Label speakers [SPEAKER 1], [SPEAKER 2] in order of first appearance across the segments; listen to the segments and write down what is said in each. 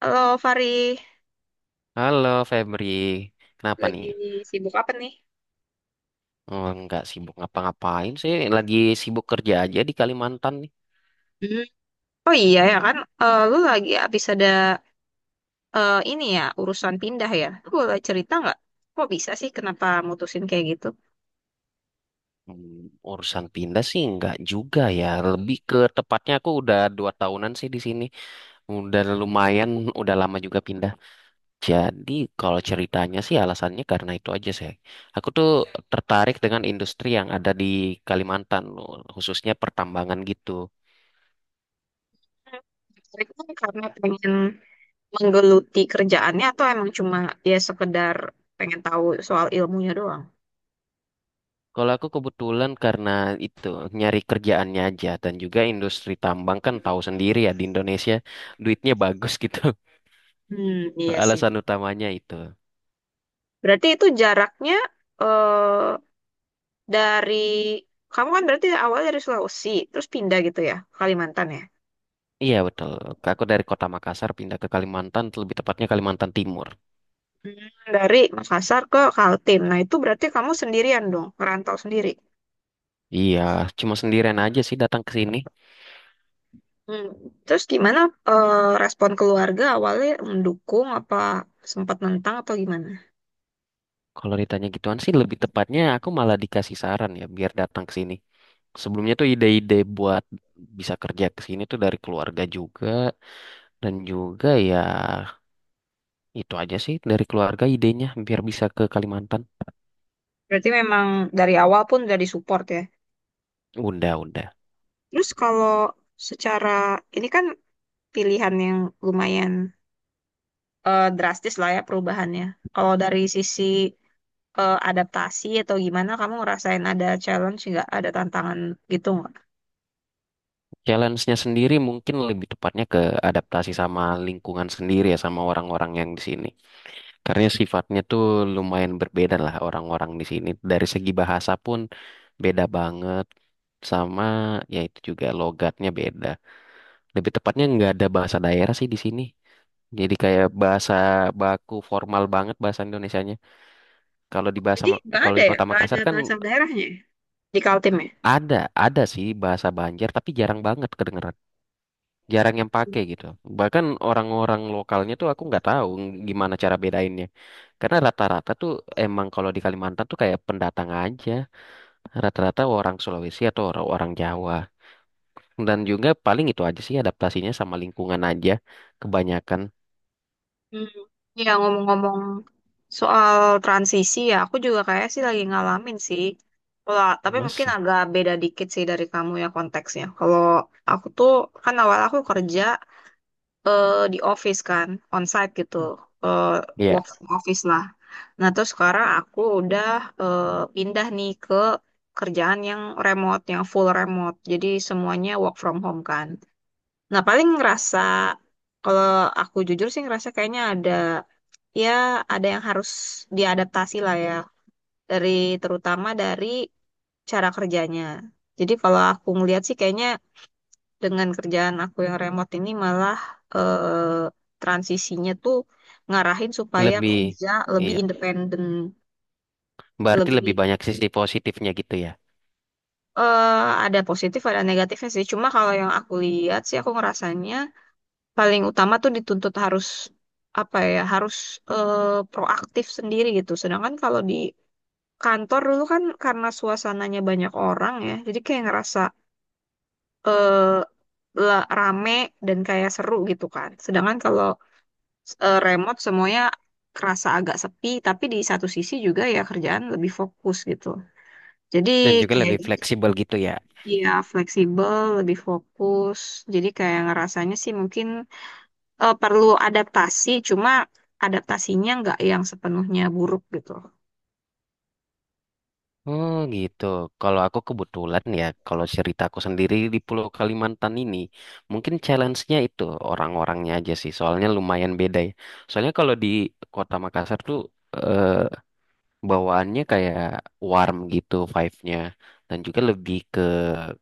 [SPEAKER 1] Halo Fari,
[SPEAKER 2] Halo Febri, kenapa nih?
[SPEAKER 1] lagi sibuk apa nih?
[SPEAKER 2] Oh, nggak sibuk ngapa-ngapain sih, lagi sibuk kerja aja di Kalimantan nih.
[SPEAKER 1] Hmm. Oh iya ya kan, lu lagi habis ada ini ya urusan pindah ya. Lu boleh cerita nggak? Kok bisa sih kenapa mutusin kayak gitu?
[SPEAKER 2] Hmm, urusan pindah sih nggak juga ya, lebih ke tepatnya aku udah 2 tahunan sih di sini. Udah lumayan, udah lama juga pindah. Jadi kalau ceritanya sih alasannya karena itu aja sih. Aku tuh tertarik dengan industri yang ada di Kalimantan, khususnya pertambangan gitu.
[SPEAKER 1] Tertarik kan karena pengen menggeluti kerjaannya atau emang cuma ya sekedar pengen tahu soal ilmunya doang?
[SPEAKER 2] Kalau aku kebetulan karena itu nyari kerjaannya aja dan juga industri tambang kan tahu sendiri ya di Indonesia duitnya bagus gitu.
[SPEAKER 1] Hmm, iya sih.
[SPEAKER 2] Alasan utamanya itu.
[SPEAKER 1] Berarti itu jaraknya eh dari kamu kan berarti awal dari Sulawesi, terus pindah gitu ya, Kalimantan ya?
[SPEAKER 2] Iya betul. Aku dari kota Makassar pindah ke Kalimantan, lebih tepatnya Kalimantan Timur.
[SPEAKER 1] Hmm. Dari Makassar ke Kaltim. Nah, itu berarti kamu sendirian dong, merantau sendiri.
[SPEAKER 2] Iya, cuma sendirian aja sih datang ke sini.
[SPEAKER 1] Hmm. Terus gimana eh, respon keluarga awalnya mendukung apa sempat nentang atau gimana?
[SPEAKER 2] Kalau ditanya gituan sih lebih tepatnya aku malah dikasih saran ya biar datang ke sini. Sebelumnya tuh ide-ide buat bisa kerja ke sini tuh dari keluarga juga dan juga ya itu aja sih dari keluarga idenya biar bisa ke Kalimantan.
[SPEAKER 1] Berarti memang dari awal pun udah disupport ya.
[SPEAKER 2] Udah, udah.
[SPEAKER 1] Terus kalau secara ini kan pilihan yang lumayan drastis lah ya perubahannya. Kalau dari sisi adaptasi atau gimana, kamu ngerasain ada challenge nggak, ada tantangan gitu nggak?
[SPEAKER 2] Challenge-nya sendiri mungkin lebih tepatnya ke adaptasi sama lingkungan sendiri ya sama orang-orang yang di sini. Karena sifatnya tuh lumayan berbeda lah orang-orang di sini. Dari segi bahasa pun beda banget sama ya itu juga logatnya beda. Lebih tepatnya nggak ada bahasa daerah sih di sini. Jadi kayak bahasa baku formal banget bahasa Indonesianya. Kalau di bahasa
[SPEAKER 1] Jadi nggak
[SPEAKER 2] kalau
[SPEAKER 1] ada
[SPEAKER 2] di
[SPEAKER 1] ya,
[SPEAKER 2] Kota
[SPEAKER 1] nggak ada
[SPEAKER 2] Makassar kan
[SPEAKER 1] bahasa daerahnya ya di Kaltim ya?
[SPEAKER 2] Ada, ada sih bahasa Banjar, tapi jarang banget kedengeran. Jarang yang pakai gitu. Bahkan orang-orang lokalnya tuh aku nggak tahu gimana cara bedainnya. Karena rata-rata tuh emang kalau di Kalimantan tuh kayak pendatang aja. Rata-rata orang Sulawesi atau orang Jawa. Dan juga paling itu aja sih adaptasinya sama lingkungan aja. Kebanyakan.
[SPEAKER 1] Hmm. Ya ngomong-ngomong soal transisi ya, aku juga kayak sih lagi ngalamin sih. Kalau tapi
[SPEAKER 2] Mas,
[SPEAKER 1] mungkin agak beda dikit sih dari kamu ya konteksnya. Kalau aku tuh kan awal aku kerja di office kan, onsite gitu, eh,
[SPEAKER 2] iya,
[SPEAKER 1] work from office lah. Nah terus sekarang aku udah eh, pindah nih ke kerjaan yang remote, yang full remote. Jadi semuanya work from home kan. Nah paling ngerasa kalau aku jujur sih ngerasa kayaknya ada ya ada yang harus diadaptasi lah ya dari terutama dari cara kerjanya. Jadi kalau aku ngeliat sih kayaknya dengan kerjaan aku yang remote ini malah eh, transisinya tuh ngarahin supaya
[SPEAKER 2] lebih,
[SPEAKER 1] kerja lebih
[SPEAKER 2] iya.
[SPEAKER 1] independen,
[SPEAKER 2] Berarti lebih
[SPEAKER 1] lebih
[SPEAKER 2] banyak sisi positifnya gitu ya.
[SPEAKER 1] eh, ada positif ada negatifnya sih. Cuma kalau yang aku lihat sih aku ngerasanya paling utama tuh dituntut harus apa ya harus eh, proaktif sendiri gitu. Sedangkan kalau di kantor dulu kan karena suasananya banyak orang ya, jadi kayak ngerasa eh rame dan kayak seru gitu kan. Sedangkan kalau remote semuanya kerasa agak sepi, tapi di satu sisi juga ya kerjaan lebih fokus gitu. Jadi
[SPEAKER 2] Dan juga
[SPEAKER 1] kayak
[SPEAKER 2] lebih
[SPEAKER 1] gitu.
[SPEAKER 2] fleksibel gitu ya.
[SPEAKER 1] Ya, fleksibel, lebih fokus. Jadi kayak ngerasanya sih mungkin perlu adaptasi, cuma adaptasinya nggak yang sepenuhnya buruk gitu.
[SPEAKER 2] Oh gitu. Kalau aku kebetulan ya, kalau ceritaku sendiri di Pulau Kalimantan ini, mungkin challenge-nya itu orang-orangnya aja sih. Soalnya lumayan beda ya. Soalnya kalau di Kota Makassar tuh eh, bawaannya kayak warm gitu vibe-nya dan juga lebih ke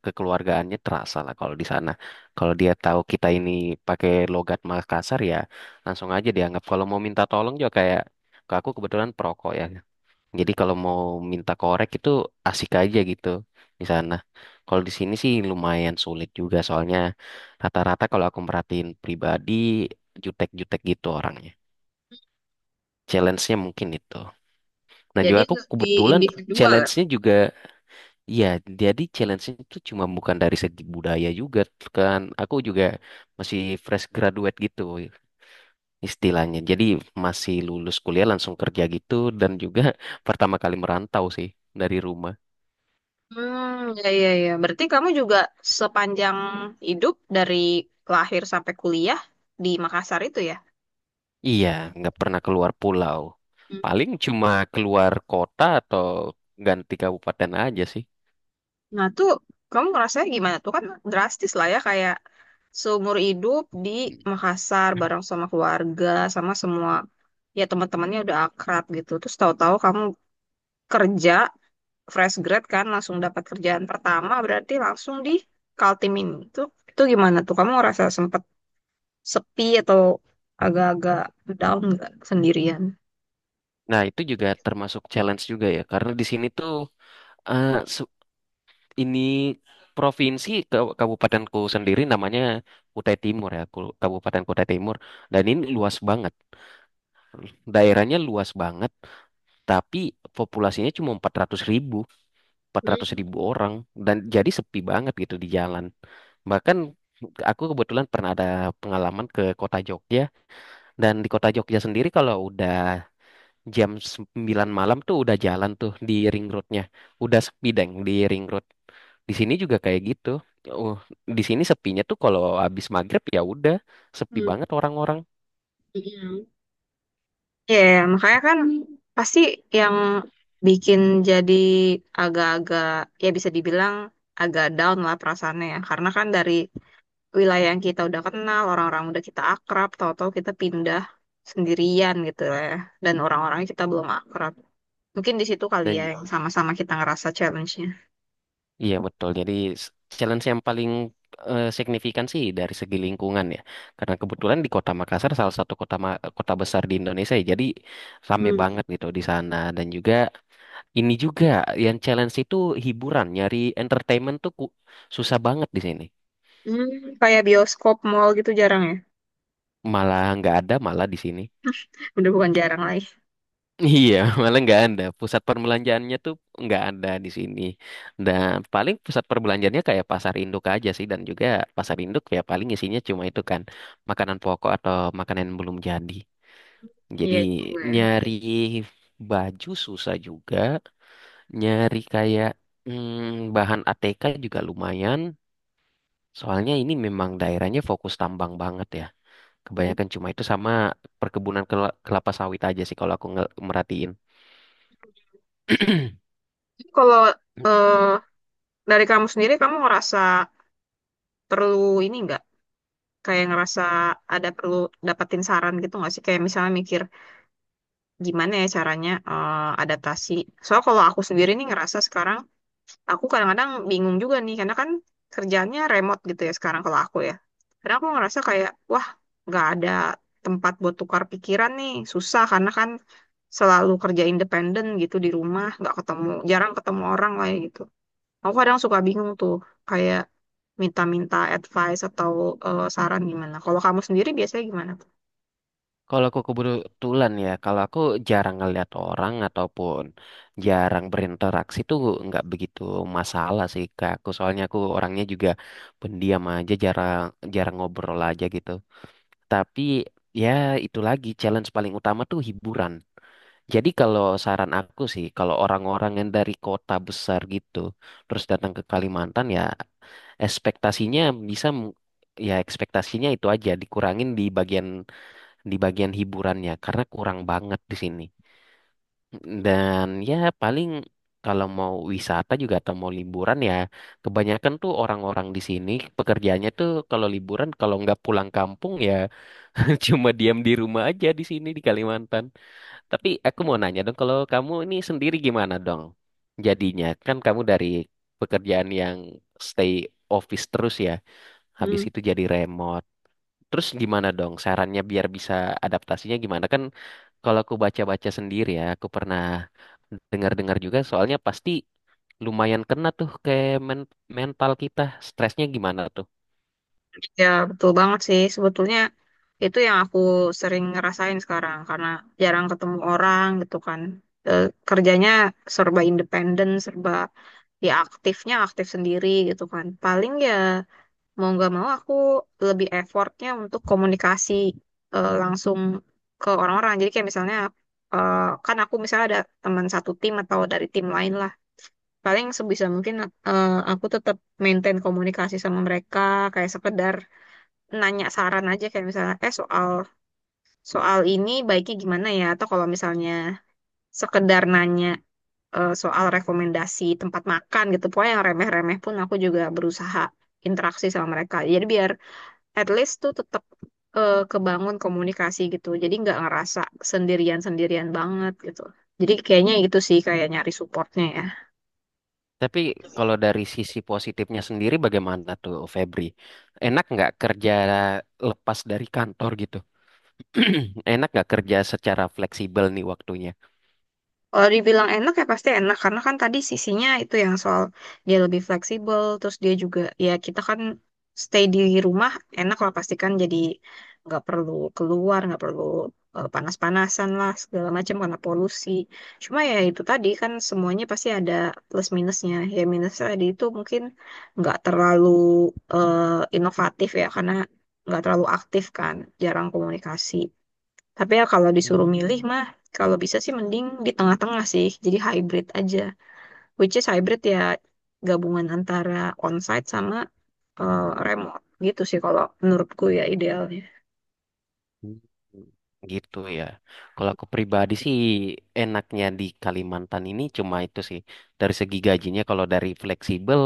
[SPEAKER 2] kekeluargaannya terasa lah kalau di sana. Kalau dia tahu kita ini pakai logat Makassar ya, langsung aja dianggap. Kalau mau minta tolong juga kayak. Aku kebetulan perokok ya, jadi kalau mau minta korek itu asik aja gitu di sana. Kalau di sini sih lumayan sulit juga soalnya rata-rata kalau aku merhatiin pribadi jutek-jutek gitu orangnya. Challenge-nya mungkin itu. Dan juga
[SPEAKER 1] Jadi
[SPEAKER 2] aku
[SPEAKER 1] lebih
[SPEAKER 2] kebetulan
[SPEAKER 1] individual.
[SPEAKER 2] challenge-nya juga ya jadi challenge-nya itu cuma bukan dari segi budaya juga kan. Aku juga masih fresh graduate gitu istilahnya. Jadi masih lulus kuliah langsung kerja gitu dan juga pertama kali merantau sih dari rumah.
[SPEAKER 1] Hmm, ya, ya, ya. Berarti kamu juga sepanjang hidup dari lahir sampai kuliah di Makassar itu ya?
[SPEAKER 2] Iya, nggak pernah keluar pulau.
[SPEAKER 1] Hmm.
[SPEAKER 2] Paling cuma keluar kota atau ganti kabupaten aja sih.
[SPEAKER 1] Nah, tuh kamu ngerasanya gimana tuh? Kan drastis lah ya, kayak seumur hidup di Makassar bareng sama keluarga, sama semua ya teman-temannya udah akrab gitu. Terus tahu-tahu kamu kerja fresh grad kan, langsung dapat kerjaan pertama, berarti langsung di Kaltim ini. Tuh, itu gimana tuh? Kamu ngerasa sempet sepi atau agak-agak down nggak sendirian?
[SPEAKER 2] Nah, itu juga termasuk challenge juga ya, karena di sini tuh eh, se- ini provinsi kabupatenku sendiri namanya Kutai Timur ya, Kabupaten Kutai Timur. Dan ini luas banget, daerahnya luas banget, tapi populasinya cuma 400.000. 400 ribu orang dan jadi sepi banget gitu di jalan. Bahkan aku kebetulan pernah ada pengalaman ke kota Jogja dan di kota Jogja sendiri kalau udah jam 21.00 tuh udah jalan tuh di ring roadnya. Udah sepi deng di ring road. Di sini juga kayak gitu. Uh, di sini sepinya tuh kalau habis maghrib ya udah sepi
[SPEAKER 1] Hmm,
[SPEAKER 2] banget orang-orang.
[SPEAKER 1] iya. Ya, makanya kan pasti yang bikin jadi agak-agak ya bisa dibilang agak down lah perasaannya ya. Karena kan dari wilayah yang kita udah kenal, orang-orang udah kita akrab, tahu-tahu kita pindah sendirian gitu lah ya. Dan orang-orangnya kita belum akrab. Mungkin di situ kali ya
[SPEAKER 2] Dan
[SPEAKER 1] yang sama-sama kita ngerasa challenge-nya.
[SPEAKER 2] Iya betul. Jadi s- challenge yang paling signifikan sih dari segi lingkungan ya. Karena kebetulan di Kota Makassar salah satu kota kota besar di Indonesia ya. Jadi rame
[SPEAKER 1] Hmm.
[SPEAKER 2] banget gitu di sana dan juga ini juga yang challenge itu hiburan, nyari entertainment tuh susah banget di sini.
[SPEAKER 1] Hmm. Kayak bioskop, mall gitu jarang ya.
[SPEAKER 2] Malah nggak ada malah di sini.
[SPEAKER 1] Udah bukan jarang lagi.
[SPEAKER 2] Iya, malah nggak ada. Pusat perbelanjaannya tuh nggak ada di sini. Dan paling pusat perbelanjaannya kayak pasar induk aja sih. Dan juga pasar induk ya paling isinya cuma itu kan makanan pokok atau makanan yang belum jadi.
[SPEAKER 1] Iya
[SPEAKER 2] Jadi
[SPEAKER 1] juga ya.
[SPEAKER 2] nyari baju susah juga. Nyari kayak bahan ATK juga lumayan. Soalnya ini memang daerahnya fokus tambang banget ya.
[SPEAKER 1] Tapi
[SPEAKER 2] Kebanyakan cuma itu sama perkebunan kelapa sawit aja sih kalau aku merhatiin.
[SPEAKER 1] Kalau eh, dari kamu sendiri, kamu ngerasa perlu ini nggak? Kayak ngerasa ada perlu dapetin saran gitu nggak sih? Kayak misalnya mikir gimana ya caranya adaptasi. Soalnya kalau aku sendiri nih ngerasa sekarang, aku kadang-kadang bingung juga nih. Karena kan kerjaannya remote gitu ya sekarang kalau aku ya. Karena aku ngerasa kayak, wah nggak ada tempat buat tukar pikiran nih. Susah karena kan selalu kerja independen gitu di rumah. Nggak ketemu, jarang ketemu orang lah ya gitu. Aku kadang suka bingung tuh, kayak minta-minta advice atau saran gimana. Kalau kamu sendiri biasanya gimana?
[SPEAKER 2] Kalau aku kebetulan ya, kalau aku jarang ngeliat orang ataupun jarang berinteraksi tuh nggak begitu masalah sih ke aku. Soalnya aku orangnya juga pendiam aja, jarang jarang ngobrol aja gitu. Tapi ya itu lagi challenge paling utama tuh hiburan. Jadi kalau saran aku sih, kalau orang-orang yang dari kota besar gitu, terus datang ke Kalimantan ya ekspektasinya bisa m- ya ekspektasinya itu aja dikurangin di bagian hiburannya karena kurang banget di sini. Dan ya paling kalau mau wisata juga atau mau liburan ya kebanyakan tuh orang-orang di sini pekerjaannya tuh kalau liburan kalau nggak pulang kampung ya cuma diam di rumah aja di sini di Kalimantan. Tapi aku mau nanya dong kalau kamu ini sendiri gimana dong? Jadinya kan kamu dari pekerjaan yang stay office terus ya. Habis
[SPEAKER 1] Hmm.
[SPEAKER 2] itu jadi remote. Terus gimana dong sarannya biar bisa adaptasinya gimana? Kan kalau aku baca-baca sendiri ya, aku pernah dengar-dengar juga soalnya pasti lumayan kena tuh ke mental kita, stresnya gimana tuh.
[SPEAKER 1] Ya, betul banget sih. Sebetulnya itu yang aku sering ngerasain sekarang karena jarang ketemu orang gitu kan. Eh, kerjanya serba independen, serba ya aktifnya aktif sendiri gitu kan. Paling ya mau nggak mau aku lebih effortnya untuk komunikasi langsung ke orang-orang. Jadi kayak misalnya eh, kan aku misalnya ada teman satu tim atau dari tim lain lah. Paling sebisa mungkin aku tetap maintain komunikasi sama mereka kayak sekedar nanya saran aja kayak misalnya eh soal soal ini baiknya gimana ya atau kalau misalnya sekedar nanya soal rekomendasi tempat makan gitu. Pokoknya yang remeh-remeh pun aku juga berusaha interaksi sama mereka. Jadi biar at least tuh tetap kebangun komunikasi gitu. Jadi nggak ngerasa sendirian-sendirian banget gitu. Jadi kayaknya itu sih kayak nyari supportnya ya.
[SPEAKER 2] Tapi kalau dari sisi positifnya sendiri bagaimana tuh Febri? Enak nggak kerja lepas dari kantor gitu? Enak nggak kerja secara fleksibel nih waktunya?
[SPEAKER 1] Kalau dibilang enak ya pasti enak karena kan tadi sisinya itu yang soal dia lebih fleksibel terus dia juga ya kita kan stay di rumah enak lah pasti kan jadi nggak perlu keluar nggak perlu panas-panasan lah segala macam karena polusi. Cuma ya itu tadi kan semuanya pasti ada plus minusnya. Ya minusnya tadi itu mungkin nggak terlalu eh, inovatif ya karena nggak terlalu aktif kan jarang komunikasi. Tapi ya kalau disuruh milih
[SPEAKER 2] Hmm.
[SPEAKER 1] mah, kalau bisa sih mending di tengah-tengah sih. Jadi hybrid aja. Which is hybrid ya gabungan antara onsite sama eh, remote. Gitu sih kalau menurutku ya idealnya.
[SPEAKER 2] Hmm, Gitu ya. Kalau aku pribadi sih enaknya di Kalimantan ini cuma itu sih. Dari segi gajinya kalau dari fleksibel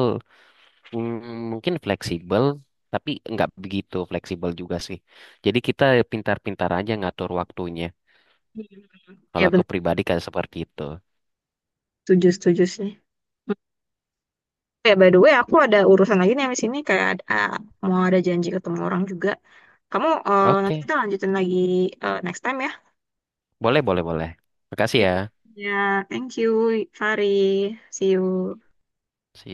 [SPEAKER 2] mungkin fleksibel tapi nggak begitu fleksibel juga sih. Jadi kita pintar-pintar aja ngatur waktunya.
[SPEAKER 1] Hmm.
[SPEAKER 2] Kalau
[SPEAKER 1] Ya
[SPEAKER 2] aku
[SPEAKER 1] benar,
[SPEAKER 2] pribadi kayak seperti itu.
[SPEAKER 1] setuju, setuju sih. Ya by the way aku ada urusan lagi nih habis ini kayak mau ada janji ketemu orang juga. Nanti
[SPEAKER 2] Oke,
[SPEAKER 1] kita lanjutin lagi next time ya.
[SPEAKER 2] boleh boleh boleh. Makasih ya.
[SPEAKER 1] Ya, thank you, Fari. See you.
[SPEAKER 2] See you.